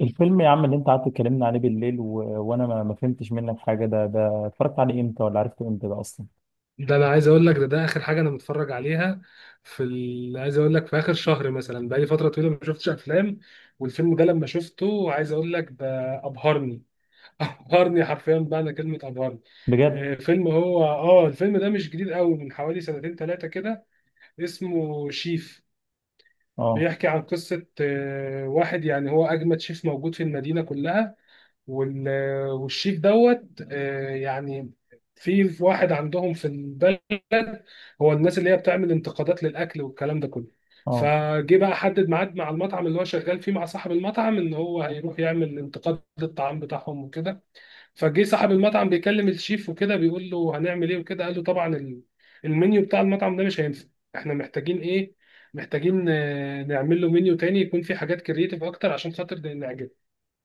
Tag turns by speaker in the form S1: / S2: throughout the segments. S1: الفيلم يا عم اللي انت قعدت تكلمنا عليه بالليل وانا ما فهمتش منك حاجه. ده اتفرجت عليه امتى ولا عرفته امتى ده اصلا؟
S2: ده انا عايز اقول لك، ده اخر حاجه انا متفرج عليها. في عايز اقول لك، في اخر شهر مثلا بقالي فتره طويله ما شفتش افلام. والفيلم ده لما شفته عايز اقول لك، ده ابهرني. ابهرني حرفيا، بمعنى كلمه ابهرني.
S1: بجد.
S2: فيلم، هو الفيلم ده مش جديد قوي، من حوالي سنتين ثلاثه كده. اسمه شيف.
S1: اه
S2: بيحكي عن قصه واحد، يعني هو اجمد شيف موجود في المدينه كلها. وال- والشيف دوت، يعني في واحد عندهم في البلد، هو الناس اللي هي بتعمل انتقادات للاكل والكلام ده كله.
S1: اه،
S2: فجه بقى حدد ميعاد مع المطعم اللي هو شغال فيه، مع صاحب المطعم، ان هو هيروح يعمل انتقاد للطعام بتاعهم وكده. فجه صاحب المطعم بيكلم الشيف وكده، بيقول له هنعمل ايه وكده. قال له طبعا المنيو بتاع المطعم ده مش هينفع. احنا محتاجين ايه؟ محتاجين نعمل له منيو تاني يكون فيه حاجات كرييتيف اكتر عشان خاطر نعجبه.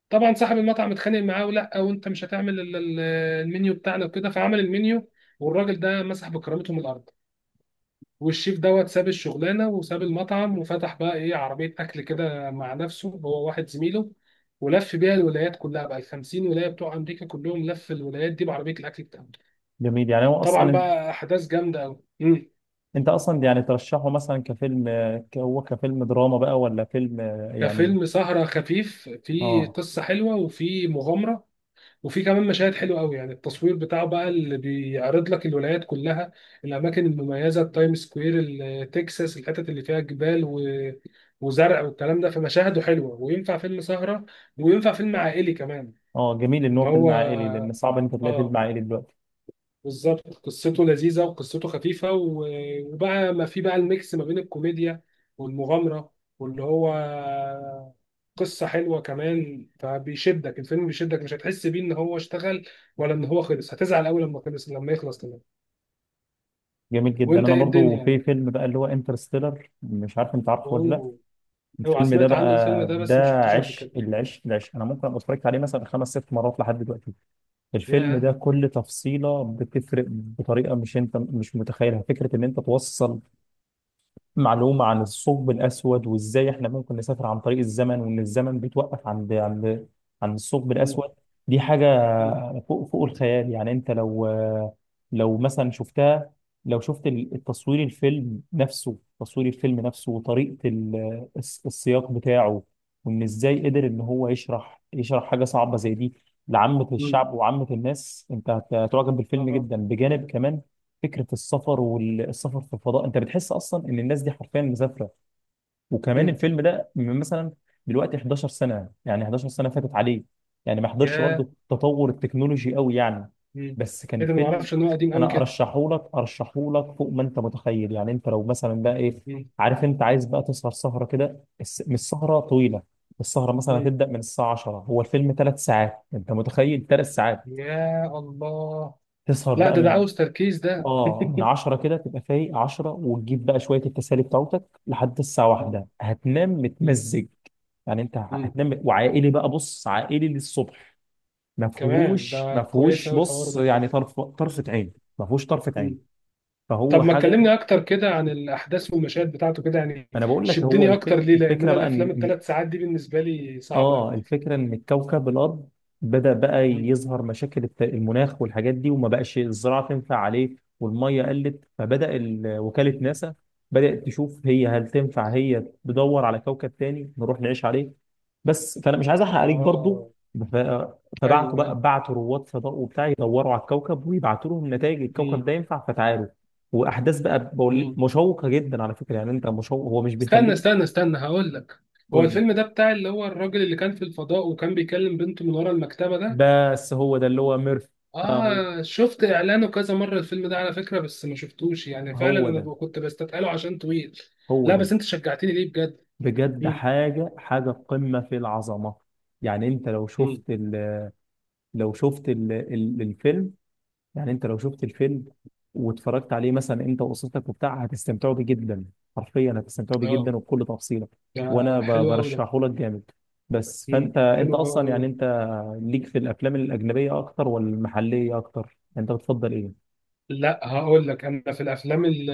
S2: طبعا صاحب المطعم اتخانق معاه، ولا وانت مش هتعمل المنيو بتاعنا وكده. فعمل المنيو، والراجل ده مسح بكرامته من الارض. والشيف دوت ساب الشغلانه وساب المطعم، وفتح بقى ايه، عربيه اكل كده مع نفسه، هو واحد زميله. ولف بيها الولايات كلها بقى، ال 50 ولايه بتوع امريكا كلهم، لف الولايات دي بعربيه الاكل بتاعته.
S1: جميل. يعني هو اصلا
S2: طبعا بقى احداث جامده قوي.
S1: انت اصلا يعني ترشحه مثلا كفيلم هو كفيلم دراما بقى ولا فيلم
S2: ده
S1: يعني؟
S2: فيلم سهره خفيف، فيه
S1: اه
S2: قصه حلوه وفيه مغامره. وفي كمان مشاهد حلوه قوي، يعني التصوير بتاعه بقى اللي بيعرض لك الولايات كلها، الاماكن المميزه، التايم سكوير، تكساس، الحتت اللي فيها جبال وزرع والكلام ده. فمشاهده حلوه وينفع فيلم سهره، وينفع فيلم عائلي كمان.
S1: اه، جميل ان
S2: ان
S1: هو
S2: هو،
S1: فيلم عائلي، لان صعب ان انت تلاقي
S2: اه،
S1: فيلم عائلي دلوقتي.
S2: بالظبط قصته لذيذة وقصته خفيفة، وبقى ما في بقى الميكس ما بين الكوميديا والمغامرة، واللي هو قصة حلوة كمان. فبيشدك الفيلم، بيشدك، مش هتحس بيه ان هو اشتغل ولا ان هو خلص، هتزعل قوي لما خلص، لما يخلص كمان.
S1: جميل جدا.
S2: وانت
S1: انا
S2: ايه
S1: برضو في
S2: الدنيا؟
S1: فيلم بقى اللي هو انترستيلر، مش عارف انت عارفه ولا لا.
S2: اوه. اوعى
S1: الفيلم ده
S2: سمعت عنه الفيلم
S1: بقى
S2: ده، بس ما
S1: ده
S2: شفتوش قبل
S1: عشق
S2: كده.
S1: العشق العشق، انا ممكن ابقى اتفرجت عليه مثلا خمس ست مرات لحد دلوقتي. الفيلم ده
S2: ياه.
S1: كل تفصيلة بتفرق بطريقة مش انت مش متخيلها. فكرة ان انت توصل معلومة عن الثقب الأسود وإزاي إحنا ممكن نسافر عن طريق الزمن وإن الزمن بيتوقف عند عند الثقب
S2: مم.
S1: الأسود. دي حاجة
S2: مم.
S1: فوق الخيال. يعني أنت لو مثلا شفتها، لو شفت التصوير الفيلم نفسه تصوير الفيلم نفسه وطريقة السياق بتاعه، وإن إزاي قدر إن هو يشرح حاجة صعبة زي دي لعامة
S2: مم.
S1: الشعب وعامة الناس، أنت هتعجب بالفيلم
S2: اه.
S1: جدا. بجانب كمان فكره السفر والسفر في الفضاء، انت بتحس اصلا ان الناس دي حرفيا مسافره. وكمان
S2: مم.
S1: الفيلم ده من مثلا دلوقتي 11 سنه، يعني 11 سنه فاتت عليه، يعني ما حضرش
S2: ياه.
S1: برضه تطور التكنولوجي قوي يعني،
S2: مم.
S1: بس كان
S2: ايه ده؟ ما
S1: فيلم.
S2: اعرفش ان هو قديم قوي
S1: انا
S2: كده.
S1: ارشحه لك، ارشحه لك فوق ما انت متخيل. يعني انت لو مثلا بقى ايه،
S2: مم.
S1: عارف، انت عايز بقى تسهر سهره كده، مش سهره طويله. السهره مثلا
S2: مم.
S1: هتبدا من الساعه 10، هو الفيلم ثلاث ساعات، انت متخيل ثلاث ساعات؟
S2: يا الله.
S1: تسهر
S2: لا،
S1: بقى
S2: ده
S1: من
S2: عاوز تركيز ده.
S1: اه من 10 كده، تبقى فايق 10 وتجيب بقى شويه التسالي بتاعتك لحد الساعه
S2: مم.
S1: واحدة، هتنام
S2: مم.
S1: متمزج. يعني انت
S2: مم.
S1: هتنام. وعائلي بقى، بص، عائلي للصبح.
S2: كمان ده
S1: ما
S2: كويس
S1: فيهوش،
S2: قوي الحوار
S1: بص،
S2: ده.
S1: يعني طرفه عين. ما فيهوش طرفه عين.
S2: مم. طب
S1: فهو
S2: ما
S1: حاجه.
S2: تكلمني اكتر كده عن الاحداث والمشاهد بتاعته كده يعني،
S1: انا بقول لك، هو
S2: شدني اكتر ليه، لان
S1: الفكره
S2: انا
S1: بقى
S2: الافلام
S1: ان
S2: الثلاث ساعات دي بالنسبه لي صعبه قوي.
S1: اه الفكرة ان الكوكب الارض بدأ بقى
S2: مم.
S1: يظهر مشاكل المناخ والحاجات دي، وما بقاش الزراعة تنفع عليه والمية قلت، فبدأ وكالة
S2: مم.
S1: ناسا بدأت تشوف هي هل تنفع هي تدور على كوكب تاني نروح نعيش عليه. بس فانا مش عايز احرق عليك برضو.
S2: اه.
S1: ف-
S2: ايوه
S1: فبعتوا
S2: ايوه.
S1: بقى، بعتوا رواد فضاء وبتاع، يدوروا على الكوكب ويبعتوا لهم نتائج الكوكب
S2: مم.
S1: ده ينفع فتعالوا. واحداث بقى
S2: مم.
S1: مشوقة جدا على فكرة، يعني انت مشوق، هو مش
S2: استنى
S1: بيخليك.
S2: استنى استنى، هقول لك. هو
S1: قول.
S2: الفيلم ده بتاع اللي هو الراجل اللي كان في الفضاء وكان بيكلم بنته من ورا المكتبه ده؟
S1: بس هو ده اللي هو ميرف. اه، هو
S2: اه، شفت اعلانه كذا مره الفيلم ده على فكره، بس ما شفتوش يعني. فعلا
S1: هو
S2: انا
S1: ده،
S2: كنت بستثقله عشان طويل.
S1: هو
S2: لا بس
S1: ده.
S2: انت شجعتني ليه بجد.
S1: بجد
S2: مم.
S1: حاجة، حاجة قمة في العظمة. يعني انت
S2: مم.
S1: لو شفت ال... ال... الفيلم، يعني انت لو شفت الفيلم واتفرجت عليه مثلا انت واسرتك وبتاع، هتستمتعوا بيه جدا، حرفيا هتستمتعوا بيه
S2: اه.
S1: جدا وبكل تفصيلة.
S2: ده
S1: وانا
S2: حلو قوي ده.
S1: برشحه لك جامد. بس
S2: مم.
S1: فانت انت
S2: حلو قوي
S1: اصلا
S2: قوي.
S1: يعني انت ليك في الافلام الاجنبية اكتر ولا المحلية اكتر؟ انت بتفضل ايه؟
S2: لا، هقول لك، انا في الافلام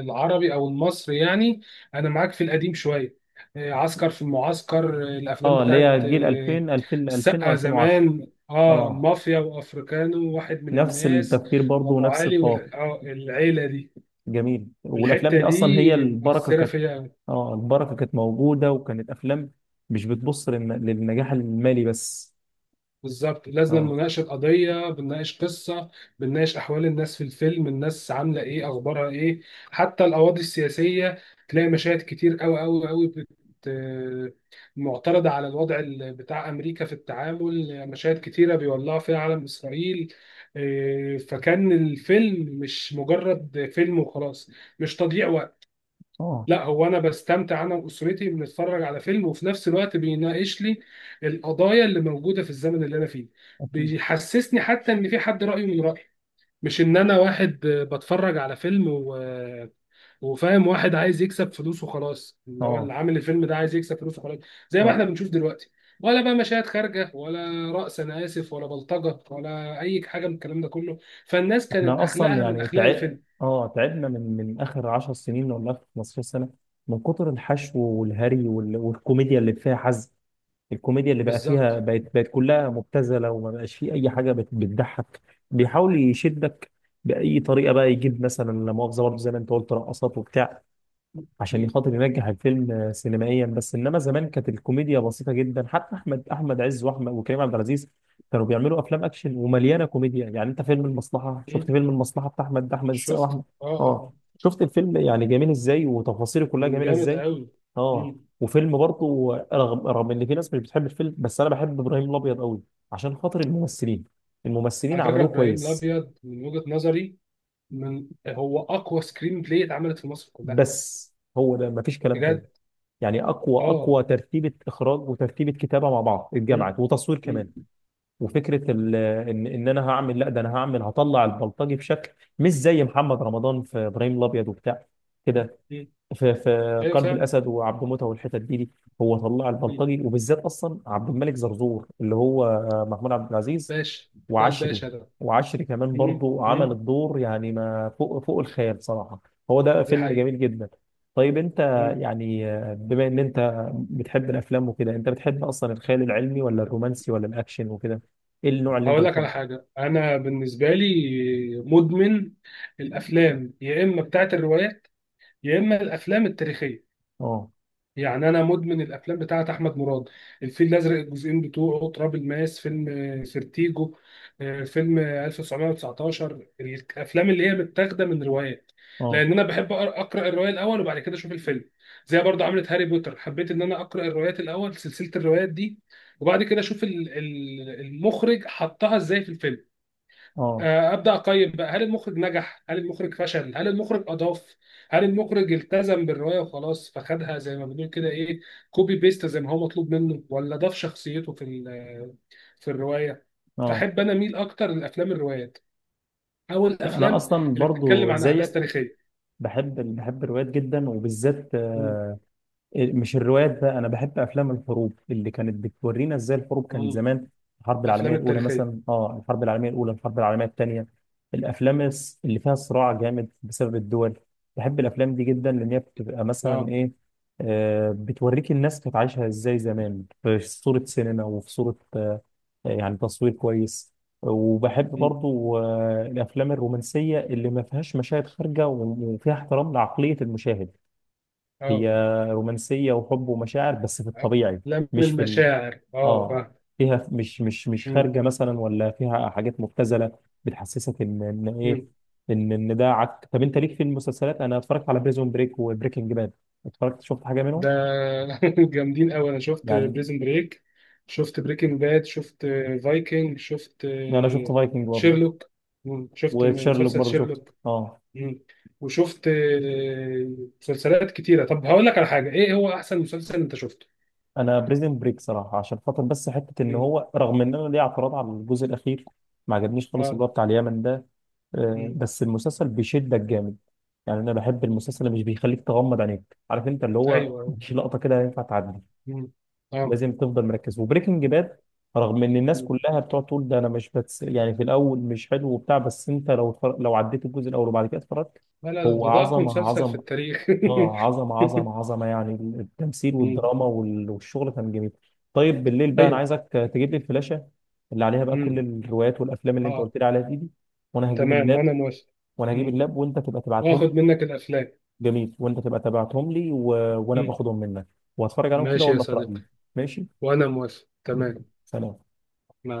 S2: العربي او المصري يعني، انا معاك في القديم شويه. عسكر في المعسكر، الافلام
S1: اه، اللي
S2: بتاعت
S1: هي جيل 2000 2000
S2: السقا
S1: 2000 و2010.
S2: زمان، اه،
S1: اه،
S2: مافيا وافريكانو وواحد من
S1: نفس
S2: الناس
S1: التفكير برضه
S2: وابو
S1: ونفس
S2: علي
S1: الطاقة.
S2: والعيله دي.
S1: جميل. والافلام
S2: الحتة
S1: دي
S2: دي
S1: اصلا هي البركة
S2: مؤثرة
S1: كانت.
S2: فيا.
S1: اه البركة كانت موجودة، وكانت افلام مش بتبص للنجاح المالي بس.
S2: بالظبط، لازم
S1: اه،
S2: مناقشة قضية، بنناقش قصة، بنناقش أحوال الناس في الفيلم، الناس عاملة إيه، أخبارها إيه، حتى القواضي السياسية. تلاقي مشاهد كتير أوي أوي أوي معترضة على الوضع بتاع أمريكا في التعامل، مشاهد كتيرة بيولعوا فيها علم إسرائيل. إيه، فكان الفيلم مش مجرد فيلم وخلاص، مش تضييع وقت.
S1: اه،
S2: لا، هو انا بستمتع، انا واسرتي بنتفرج على فيلم، وفي نفس الوقت بيناقش لي القضايا اللي موجوده في الزمن اللي انا فيه.
S1: أكيد.
S2: بيحسسني حتى ان في حد رايه من رايي، مش ان انا واحد بتفرج على فيلم وفاهم واحد عايز يكسب فلوس وخلاص، اللي هو اللي
S1: اه،
S2: عامل الفيلم ده عايز يكسب فلوس وخلاص، زي ما
S1: اه،
S2: احنا بنشوف دلوقتي. ولا بقى مشاهد خارجه، ولا رقص انا اسف، ولا بلطجه، ولا اي حاجه من الكلام ده كله. فالناس كانت
S1: احنا اصلا
S2: اخلاقها من
S1: يعني
S2: اخلاق
S1: تعب.
S2: الفيلم.
S1: اه تعبنا من من اخر 10 سنين ولا اخر 15 سنة، من كتر الحشو والهري والكوميديا اللي فيها حزق. الكوميديا اللي بقى فيها
S2: بالظبط.
S1: بقت كلها مبتذله، وما بقاش فيه اي حاجه بتضحك. بيحاول يشدك باي طريقه بقى، يجيب مثلا، لا مؤاخذه، برضه زي ما انت قلت، رقصات وبتاع، عشان
S2: مم.
S1: خاطر ينجح الفيلم سينمائيا بس. انما زمان كانت الكوميديا بسيطه جدا. حتى احمد عز واحمد وكريم عبد العزيز كانوا بيعملوا افلام اكشن ومليانه كوميديا. يعني انت فيلم المصلحه، شفت
S2: مم.
S1: فيلم المصلحه بتاع احمد السقا
S2: شفت،
S1: واحمد؟
S2: اه
S1: اه
S2: اه.
S1: شفت الفيلم، يعني جميل ازاي وتفاصيله كلها
S2: كان
S1: جميله
S2: جامد
S1: ازاي.
S2: قوي.
S1: اه،
S2: مم.
S1: وفيلم برضه رغم ان في ناس مش بتحب الفيلم، بس انا بحب ابراهيم الابيض قوي عشان خاطر الممثلين. الممثلين
S2: على فكره
S1: عملوه
S2: ابراهيم
S1: كويس.
S2: الابيض من وجهه نظري، من هو اقوى سكرين بلاي اتعملت في مصر كلها.
S1: بس هو ده، مفيش كلام تاني.
S2: بجد.
S1: يعني
S2: اه.
S1: اقوى ترتيبه اخراج وترتيبه كتابه مع بعض
S2: مم.
S1: اتجمعت، وتصوير
S2: مم.
S1: كمان. وفكره ان انا هعمل، لا ده انا هعمل، هطلع البلطجي بشكل مش زي محمد رمضان في ابراهيم الابيض وبتاع كده،
S2: مم.
S1: في في
S2: ايوه
S1: قلب
S2: فعلا.
S1: الاسد وعبد موته والحتت دي. هو طلع
S2: مم.
S1: البلطجي، وبالذات اصلا عبد الملك زرزور اللي هو محمود عبد العزيز.
S2: باشا. ده
S1: وعشري،
S2: الباشا ده.
S1: وعشري كمان
S2: مم.
S1: برضو
S2: مم.
S1: عمل الدور يعني ما فوق الخيال صراحه. هو ده
S2: دي
S1: فيلم
S2: حقيقه.
S1: جميل جدا. طيب انت،
S2: مم.
S1: يعني بما ان انت بتحب الافلام وكده، انت بتحب اصلا الخيال العلمي ولا الرومانسي ولا الاكشن وكده؟ ايه النوع اللي انت
S2: هقول لك على
S1: بتفضله؟
S2: حاجه، انا بالنسبه لي مدمن الافلام، يا اما بتاعت الروايات، يا اما الافلام التاريخيه.
S1: اه
S2: يعني انا مدمن الافلام بتاعت احمد مراد، الفيل الازرق الجزئين بتوعه، تراب الماس، فيلم سيرتيجو، فيلم 1919، الافلام اللي هي متاخده من روايات.
S1: اه
S2: لان انا بحب اقرا الروايه الاول وبعد كده اشوف الفيلم. زي برضه عملت هاري بوتر، حبيت ان انا اقرا الروايات الاول، سلسله الروايات دي، وبعد كده اشوف المخرج حطها ازاي في الفيلم.
S1: اه
S2: ابدا اقيم بقى، هل المخرج نجح، هل المخرج فشل، هل المخرج اضاف، هل المخرج التزم بالروايه وخلاص فخدها زي ما بنقول كده ايه، كوبي بيست زي ما هو مطلوب منه، ولا ضاف شخصيته في في الروايه.
S1: اه،
S2: فاحب انا اميل اكتر للافلام الروايات، او
S1: يعني انا
S2: الافلام
S1: اصلا
S2: اللي بتتكلم
S1: برضو
S2: عن احداث
S1: زيك،
S2: تاريخيه.
S1: بحب الروايات جدا، وبالذات
S2: مم.
S1: مش الروايات بقى، انا بحب افلام الحروب اللي كانت بتورينا ازاي الحروب كانت
S2: مم.
S1: زمان. الحرب العالميه
S2: الافلام
S1: الاولى
S2: التاريخيه.
S1: مثلا، اه الحرب العالميه الاولى، الحرب العالميه الثانيه، اللي فيها صراع جامد بسبب الدول. بحب الافلام دي جدا، لان هي بتبقى مثلا
S2: اه.
S1: ايه، آه بتوريك الناس كانت عايشه ازاي زمان، في صوره سينما وفي صوره آه، يعني تصوير كويس. وبحب
S2: مم.
S1: برضو آه الافلام الرومانسيه اللي ما فيهاش مشاهد خارجه وفيها احترام لعقليه المشاهد. هي
S2: اه.
S1: رومانسية وحب ومشاعر بس في الطبيعي،
S2: افلام
S1: مش في ال...
S2: المشاعر، اه،
S1: اه،
S2: فاهم.
S1: فيها مش
S2: مم.
S1: خارجة مثلا، ولا فيها حاجات مبتذلة. بتحسسك ان ايه،
S2: مم.
S1: ان ده عك. طب انت ليك في المسلسلات؟ انا اتفرجت على بريزون بريك وبريكنج باد، اتفرجت، شفت حاجة منهم؟
S2: ده جامدين قوي. انا شفت
S1: يعني
S2: بريزن بريك، شفت بريكنج باد، شفت فايكنج، شفت
S1: انا شفت فايكنج برضه،
S2: شيرلوك، شفت
S1: وتشيرلوك
S2: مسلسل
S1: برضه شفته.
S2: شيرلوك.
S1: اه،
S2: مم. وشفت مسلسلات كتيرة. طب هقول لك على حاجة، ايه هو احسن مسلسل انت شفته؟
S1: انا بريزون بريك صراحة عشان خاطر بس حتة ان
S2: مم.
S1: هو، رغم ان انا ليا اعتراض على الجزء الاخير، ما عجبنيش خالص
S2: اه.
S1: اللي هو بتاع اليمن ده،
S2: مم.
S1: بس المسلسل بيشدك جامد. يعني انا بحب المسلسل اللي مش بيخليك تغمض عينيك، عارف، انت اللي هو
S2: ايوه آه.
S1: مفيش لقطه كده ينفع تعدي،
S2: مم. اه.
S1: لازم تفضل مركز. وبريكنج باد، رغم ان الناس
S2: مم.
S1: كلها بتقعد تقول، ده انا مش يعني في الاول مش حلو وبتاع، بس انت لو لو عديت الجزء الاول وبعد كده اتفرجت، هو
S2: ولا ده اقوى
S1: عظمه
S2: مسلسل في
S1: عظمه.
S2: التاريخ.
S1: اه عظمه عظمه عظمه يعني، التمثيل
S2: مم.
S1: والدراما والشغل كان جميل. طيب بالليل بقى انا
S2: طيب.
S1: عايزك تجيب لي الفلاشه اللي عليها بقى كل
S2: مم.
S1: الروايات والافلام اللي انت
S2: اه.
S1: قلت لي عليها دي. وانا
S2: تمام
S1: هجيب،
S2: وانا موافق.
S1: وانا هجيب
S2: مم.
S1: اللاب، وانت تبقى تبعتهم لي.
S2: واخد منك الافلام.
S1: جميل، وانت تبقى تبعتهم لي وانا باخدهم منك واتفرج عليهم كده
S2: ماشي يا
S1: واقول لك رايي.
S2: صديقي.
S1: ماشي.
S2: وأنا موافق تمام.
S1: سلام.
S2: مع